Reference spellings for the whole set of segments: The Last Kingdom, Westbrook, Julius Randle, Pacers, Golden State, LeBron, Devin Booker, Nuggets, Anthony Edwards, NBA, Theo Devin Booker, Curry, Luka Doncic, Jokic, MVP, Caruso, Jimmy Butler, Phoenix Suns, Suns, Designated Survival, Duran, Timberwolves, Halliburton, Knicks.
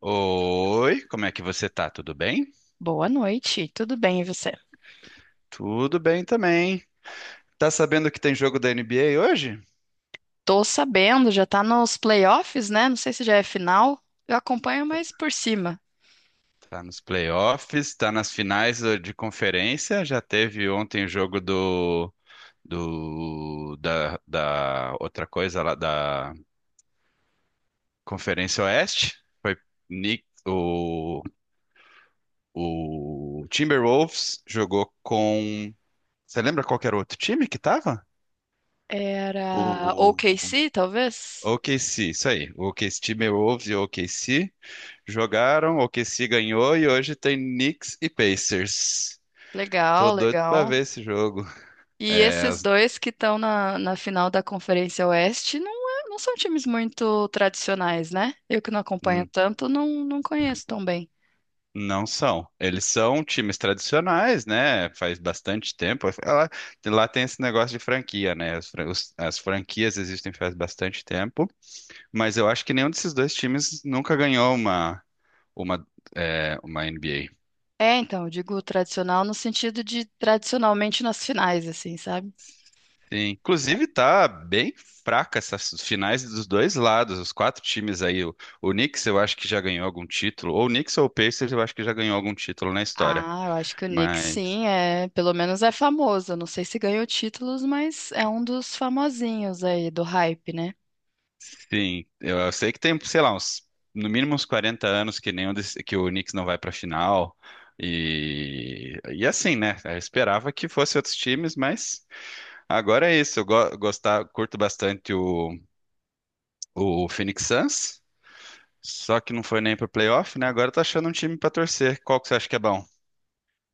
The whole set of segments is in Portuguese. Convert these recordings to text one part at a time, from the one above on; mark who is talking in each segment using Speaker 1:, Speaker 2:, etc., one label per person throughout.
Speaker 1: Oi, como é que você tá? Tudo bem?
Speaker 2: Boa noite, tudo bem e você?
Speaker 1: Tudo bem também. Tá sabendo que tem jogo da NBA hoje?
Speaker 2: Tô sabendo, já tá nos playoffs, né? Não sei se já é final. Eu acompanho mais por cima.
Speaker 1: Tá nos playoffs, tá nas finais de conferência. Já teve ontem o jogo da outra coisa lá da Conferência Oeste. Foi Knick- o, o Timberwolves jogou com. Você lembra qual que era o outro time que tava?
Speaker 2: Era
Speaker 1: O
Speaker 2: OKC, talvez?
Speaker 1: o OKC, isso aí. O OKC, Timberwolves e o OKC. Jogaram, o que se ganhou e hoje tem Knicks e Pacers. Tô
Speaker 2: Legal,
Speaker 1: doido pra
Speaker 2: legal.
Speaker 1: ver esse jogo.
Speaker 2: E
Speaker 1: É,
Speaker 2: esses dois que estão na final da Conferência Oeste não, não são times muito tradicionais, né? Eu que não acompanho
Speaker 1: n-
Speaker 2: tanto, não, não conheço tão bem.
Speaker 1: não são. Eles são times tradicionais, né? Faz bastante tempo. Lá tem esse negócio de franquia, né? As franquias existem faz bastante tempo, mas eu acho que nenhum desses dois times nunca ganhou uma, uma, uma NBA.
Speaker 2: É, então, eu digo tradicional no sentido de tradicionalmente nas finais, assim, sabe?
Speaker 1: Sim. Inclusive, tá bem fraca essas finais dos dois lados, os quatro times aí. O Knicks eu acho que já ganhou algum título, ou o Knicks ou o Pacers eu acho que já ganhou algum título na história.
Speaker 2: Ah, eu acho que o Knicks
Speaker 1: Mas,
Speaker 2: sim, é, pelo menos é famoso. Eu não sei se ganhou títulos, mas é um dos famosinhos aí do hype, né?
Speaker 1: sim, eu sei que tem, sei lá, no mínimo uns 40 anos que que o Knicks não vai pra final. E assim, né? Eu esperava que fosse outros times, mas agora é isso. Curto bastante o Phoenix Suns. Só que não foi nem pro playoff, né? Agora tá achando um time pra torcer. Qual que você acha que é bom?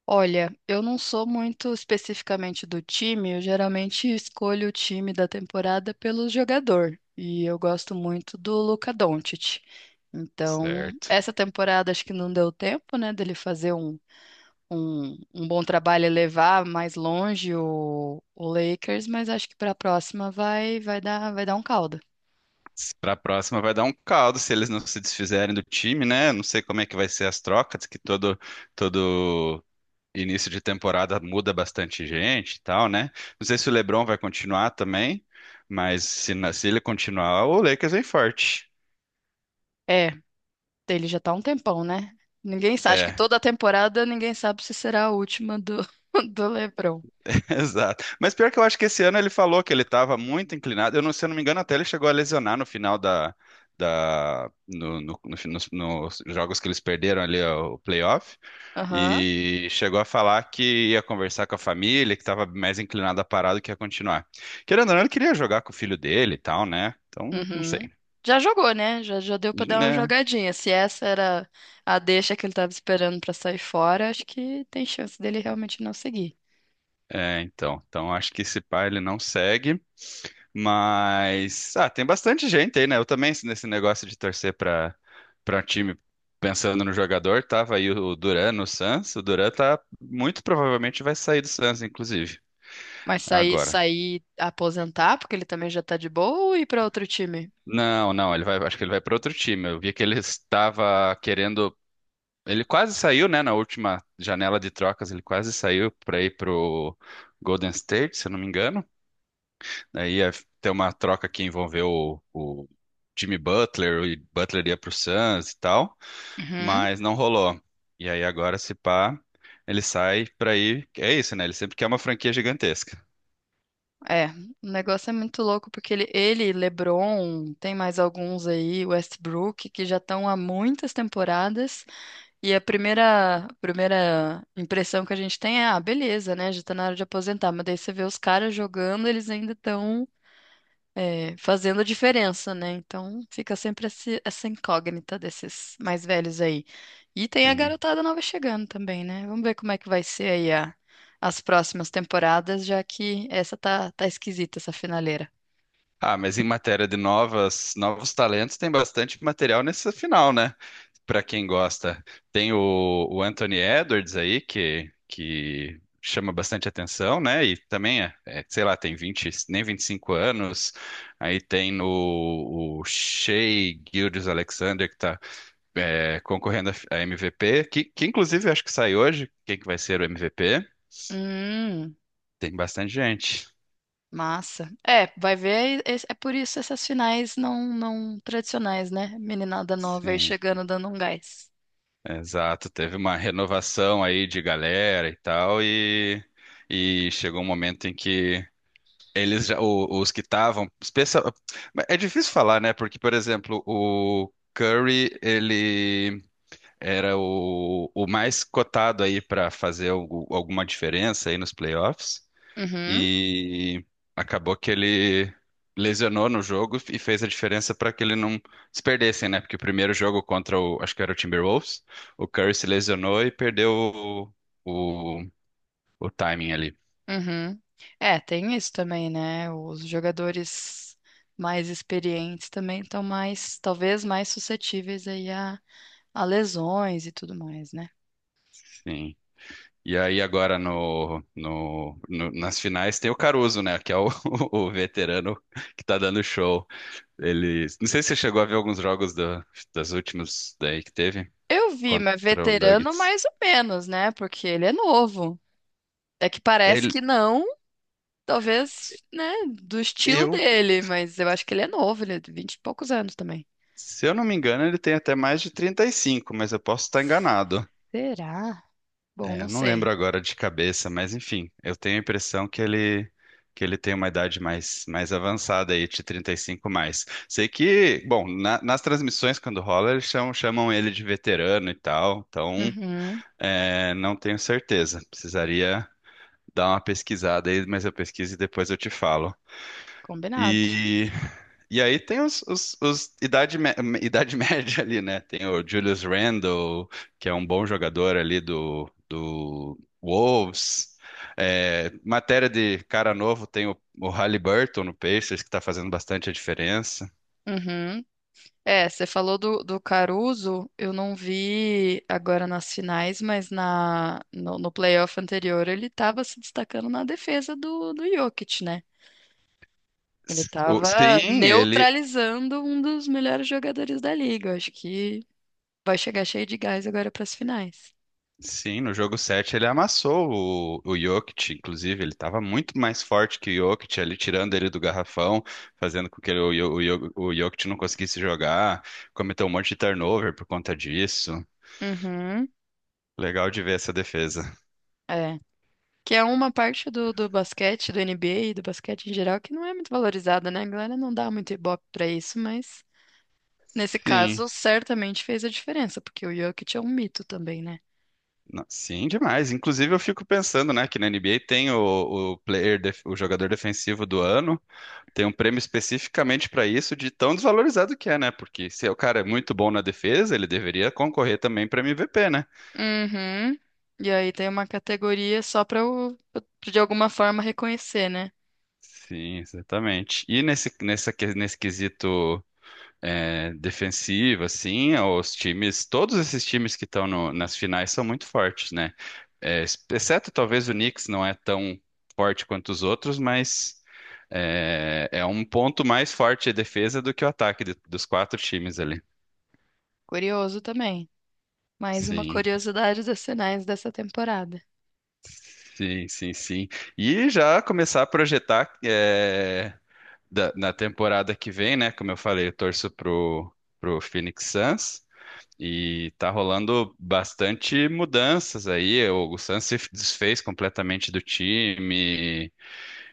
Speaker 2: Olha, eu não sou muito especificamente do time, eu geralmente escolho o time da temporada pelo jogador, e eu gosto muito do Luka Doncic. Então,
Speaker 1: Certo.
Speaker 2: essa temporada acho que não deu tempo, né, dele fazer um bom trabalho e levar mais longe o Lakers, mas acho que para a próxima vai, vai dar um caldo.
Speaker 1: Pra próxima vai dar um caldo se eles não se desfizerem do time, né? Não sei como é que vai ser as trocas, que todo início de temporada muda bastante gente e tal, né? Não sei se o LeBron vai continuar também, mas se ele continuar, o Lakers vem forte.
Speaker 2: É, ele já tá há um tempão, né? Ninguém sabe, acho que
Speaker 1: É.
Speaker 2: toda a temporada ninguém sabe se será a última do LeBron.
Speaker 1: Exato. Mas pior que eu acho que esse ano ele falou que ele estava muito inclinado. Eu não, se eu não me engano, até ele chegou a lesionar no final da, da no, no- no- fi- nos, nos jogos que eles perderam ali ó, o playoff.
Speaker 2: Aham,
Speaker 1: E chegou a falar que ia conversar com a família, que estava mais inclinado a parar do que a continuar. Querendo ou não, ele queria jogar com o filho dele e tal, né? Então, não
Speaker 2: uhum.
Speaker 1: sei,
Speaker 2: Já jogou, né? Já, já deu pra dar uma
Speaker 1: né?
Speaker 2: jogadinha. Se essa era a deixa que ele tava esperando pra sair fora, acho que tem chance dele realmente não seguir.
Speaker 1: É, então. Então acho que esse pai ele não segue. Mas ah, tem bastante gente aí, né? Eu também nesse negócio de torcer para time pensando no jogador, tava aí o Duran no Suns. O Duran tá muito provavelmente vai sair do Suns, inclusive,
Speaker 2: Mas sair,
Speaker 1: agora.
Speaker 2: sair, aposentar, porque ele também já tá de boa, ou ir pra outro time?
Speaker 1: Não, não, ele vai, acho que ele vai para outro time. Eu vi que ele estava querendo, ele quase saiu, né, na última janela de trocas, ele quase saiu para ir pro Golden State, se eu não me engano. Aí ia ter uma troca que envolveu o Jimmy Butler, o Butler ia pro Suns e tal,
Speaker 2: Uhum.
Speaker 1: mas não rolou. E aí agora, se pá, ele sai pra ir. É isso, né? Ele sempre quer uma franquia gigantesca.
Speaker 2: É, o negócio é muito louco porque ele, LeBron, tem mais alguns aí, Westbrook, que já estão há muitas temporadas. E a primeira impressão que a gente tem é, ah, beleza, né? Já tá na hora de aposentar. Mas daí você vê os caras jogando, eles ainda estão fazendo a diferença, né? Então fica sempre essa incógnita desses mais velhos aí. E tem a
Speaker 1: Sim.
Speaker 2: garotada nova chegando também, né? Vamos ver como é que vai ser as próximas temporadas, já que essa tá esquisita, essa finaleira.
Speaker 1: Ah, mas em matéria de novos talentos, tem bastante material nessa final, né? Para quem gosta. Tem o Anthony Edwards aí, que chama bastante atenção, né? E também, sei lá, tem 20 nem 25 anos. Aí tem no, o Shai Gilgeous-Alexander, que está concorrendo a MVP, que inclusive eu acho que sai hoje. Quem que vai ser o MVP?
Speaker 2: Hum,
Speaker 1: Tem bastante gente.
Speaker 2: massa. É, vai ver, é, é por isso essas finais não tradicionais, né? Meninada nova aí
Speaker 1: Sim.
Speaker 2: chegando dando um gás.
Speaker 1: Exato, teve uma renovação aí de galera e tal, e chegou um momento em que eles já, os que estavam, é difícil falar, né? Porque, por exemplo, o Curry, ele era o mais cotado aí para fazer alguma diferença aí nos playoffs,
Speaker 2: Uhum.
Speaker 1: e acabou que ele lesionou no jogo e fez a diferença para que ele não se perdessem, né? Porque o primeiro jogo contra o, acho que era o Timberwolves, o Curry se lesionou e perdeu o, o timing ali.
Speaker 2: Uhum. É, tem isso também, né? Os jogadores mais experientes também estão mais, talvez mais suscetíveis a lesões e tudo mais, né?
Speaker 1: Sim. E aí agora nas finais tem o Caruso, né? Que é o, o veterano que tá dando show. Não sei se você chegou a ver alguns jogos das últimas daí que teve
Speaker 2: Eu vi, mas
Speaker 1: contra o
Speaker 2: veterano
Speaker 1: Nuggets.
Speaker 2: mais ou menos, né? Porque ele é novo. É que parece
Speaker 1: Ele,
Speaker 2: que não, talvez, né, do estilo
Speaker 1: eu
Speaker 2: dele, mas eu acho que ele é novo, ele é de vinte e poucos anos também.
Speaker 1: Se eu não me engano, ele tem até mais de 35, mas eu posso estar enganado.
Speaker 2: Será? Bom,
Speaker 1: É, eu
Speaker 2: não
Speaker 1: não lembro
Speaker 2: sei.
Speaker 1: agora de cabeça, mas enfim, eu tenho a impressão que ele tem uma idade mais avançada aí, de 35 mais. Sei que, bom, nas transmissões quando rola, eles chamam ele de veterano e tal, então
Speaker 2: Uhum,
Speaker 1: não tenho certeza. Precisaria dar uma pesquisada aí, mas eu pesquiso e depois eu te falo.
Speaker 2: combinado.
Speaker 1: E, e aí tem os idade média ali, né? Tem o Julius Randle, que é um bom jogador ali do Wolves. É, matéria de cara novo, tem o Halliburton no Pacers, que tá fazendo bastante a diferença.
Speaker 2: Uhum, é, você falou do Caruso, eu não vi agora nas finais, mas na, no, no playoff anterior ele estava se destacando na defesa do Jokic, né? Ele
Speaker 1: S- o-
Speaker 2: estava
Speaker 1: Sim, ele,
Speaker 2: neutralizando um dos melhores jogadores da liga. Eu acho que vai chegar cheio de gás agora para as finais.
Speaker 1: Sim, no jogo 7 ele amassou o Jokic, inclusive, ele estava muito mais forte que o Jokic ali, tirando ele do garrafão, fazendo com que o Jokic não conseguisse jogar, cometeu um monte de turnover por conta disso.
Speaker 2: Uhum,
Speaker 1: Legal de ver essa defesa.
Speaker 2: é. Que é uma parte do basquete, do NBA e do basquete em geral, que não é muito valorizada, né? A galera não dá muito ibope para isso, mas. Nesse
Speaker 1: Sim,
Speaker 2: caso, certamente fez a diferença, porque o Jokic é um mito também, né?
Speaker 1: sim, demais. Inclusive eu fico pensando, né, que na NBA tem o jogador defensivo do ano, tem um prêmio especificamente para isso, de tão desvalorizado que é, né? Porque se o cara é muito bom na defesa, ele deveria concorrer também para MVP, né?
Speaker 2: Uhum. E aí tem uma categoria só pra eu, de alguma forma, reconhecer, né?
Speaker 1: Sim, exatamente. E nesse quesito defensivo, assim, os times, todos esses times que estão nas finais são muito fortes, né? É, exceto talvez o Knicks não é tão forte quanto os outros, mas é um ponto mais forte a defesa do que o ataque dos quatro times ali.
Speaker 2: Curioso também. Mais uma
Speaker 1: Sim,
Speaker 2: curiosidade dos sinais dessa temporada.
Speaker 1: sim, sim, sim. E já começar a projetar na temporada que vem, né? Como eu falei, eu torço pro Phoenix Suns e tá rolando bastante mudanças aí. O Suns se desfez completamente do time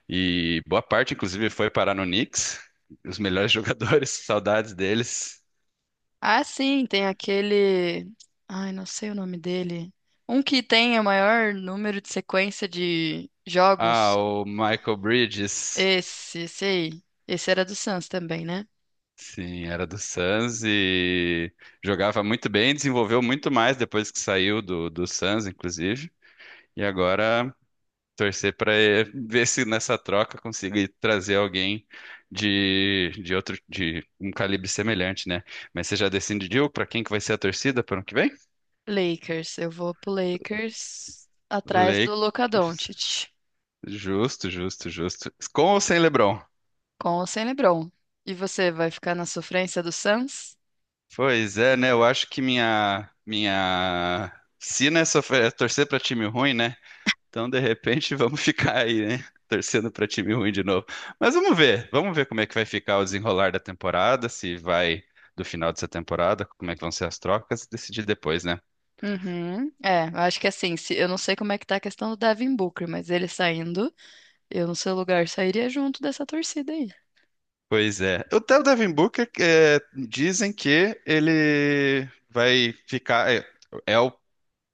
Speaker 1: e boa parte, inclusive, foi parar no Knicks. Os melhores jogadores, saudades deles.
Speaker 2: Ah, sim, tem aquele. Ai, não sei o nome dele. Um que tem o maior número de sequência de
Speaker 1: Ah,
Speaker 2: jogos.
Speaker 1: o Michael Bridges.
Speaker 2: Esse aí. Esse era do Suns também, né?
Speaker 1: Sim, era do Suns e jogava muito bem, desenvolveu muito mais depois que saiu do Suns, inclusive. E agora torcer para ver se nessa troca conseguir trazer alguém de outro de um calibre semelhante, né? Mas você já decidiu para quem que vai ser a torcida para o ano que vem?
Speaker 2: Lakers. Eu vou pro Lakers atrás do Luka
Speaker 1: Lakers.
Speaker 2: Doncic,
Speaker 1: Justo, justo, justo. Com ou sem LeBron?
Speaker 2: com ou sem LeBron. E você vai ficar na sofrência do Suns?
Speaker 1: Pois é, né? Eu acho que minha sina é sofrer, é torcer para time ruim, né? Então, de repente, vamos ficar aí, né? Torcendo para time ruim de novo. Mas vamos ver como é que vai ficar o desenrolar da temporada, se vai do final dessa temporada, como é que vão ser as trocas, e decidir depois, né?
Speaker 2: Uhum. É, eu acho que assim, se, eu não sei como é que tá a questão do Devin Booker, mas ele saindo, eu no seu lugar sairia junto dessa torcida aí.
Speaker 1: Pois é. O Theo Devin Booker, dizem que ele vai ficar. É o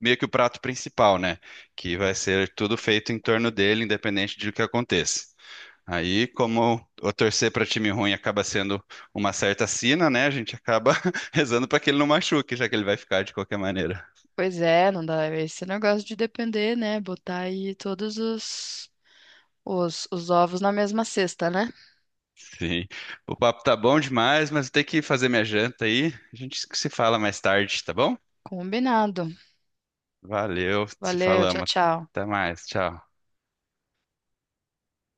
Speaker 1: meio que o prato principal, né? Que vai ser tudo feito em torno dele, independente de o que aconteça. Aí, como o torcer para time ruim acaba sendo uma certa sina, né? A gente acaba rezando para que ele não machuque, já que ele vai ficar de qualquer maneira.
Speaker 2: Pois é, não dá. É esse negócio de depender, né? Botar aí todos os ovos na mesma cesta, né?
Speaker 1: Sim. O papo tá bom demais, mas eu tenho que fazer minha janta aí. A gente se fala mais tarde, tá bom?
Speaker 2: Combinado.
Speaker 1: Valeu, se
Speaker 2: Valeu, tchau,
Speaker 1: falamos.
Speaker 2: tchau.
Speaker 1: Até mais, tchau.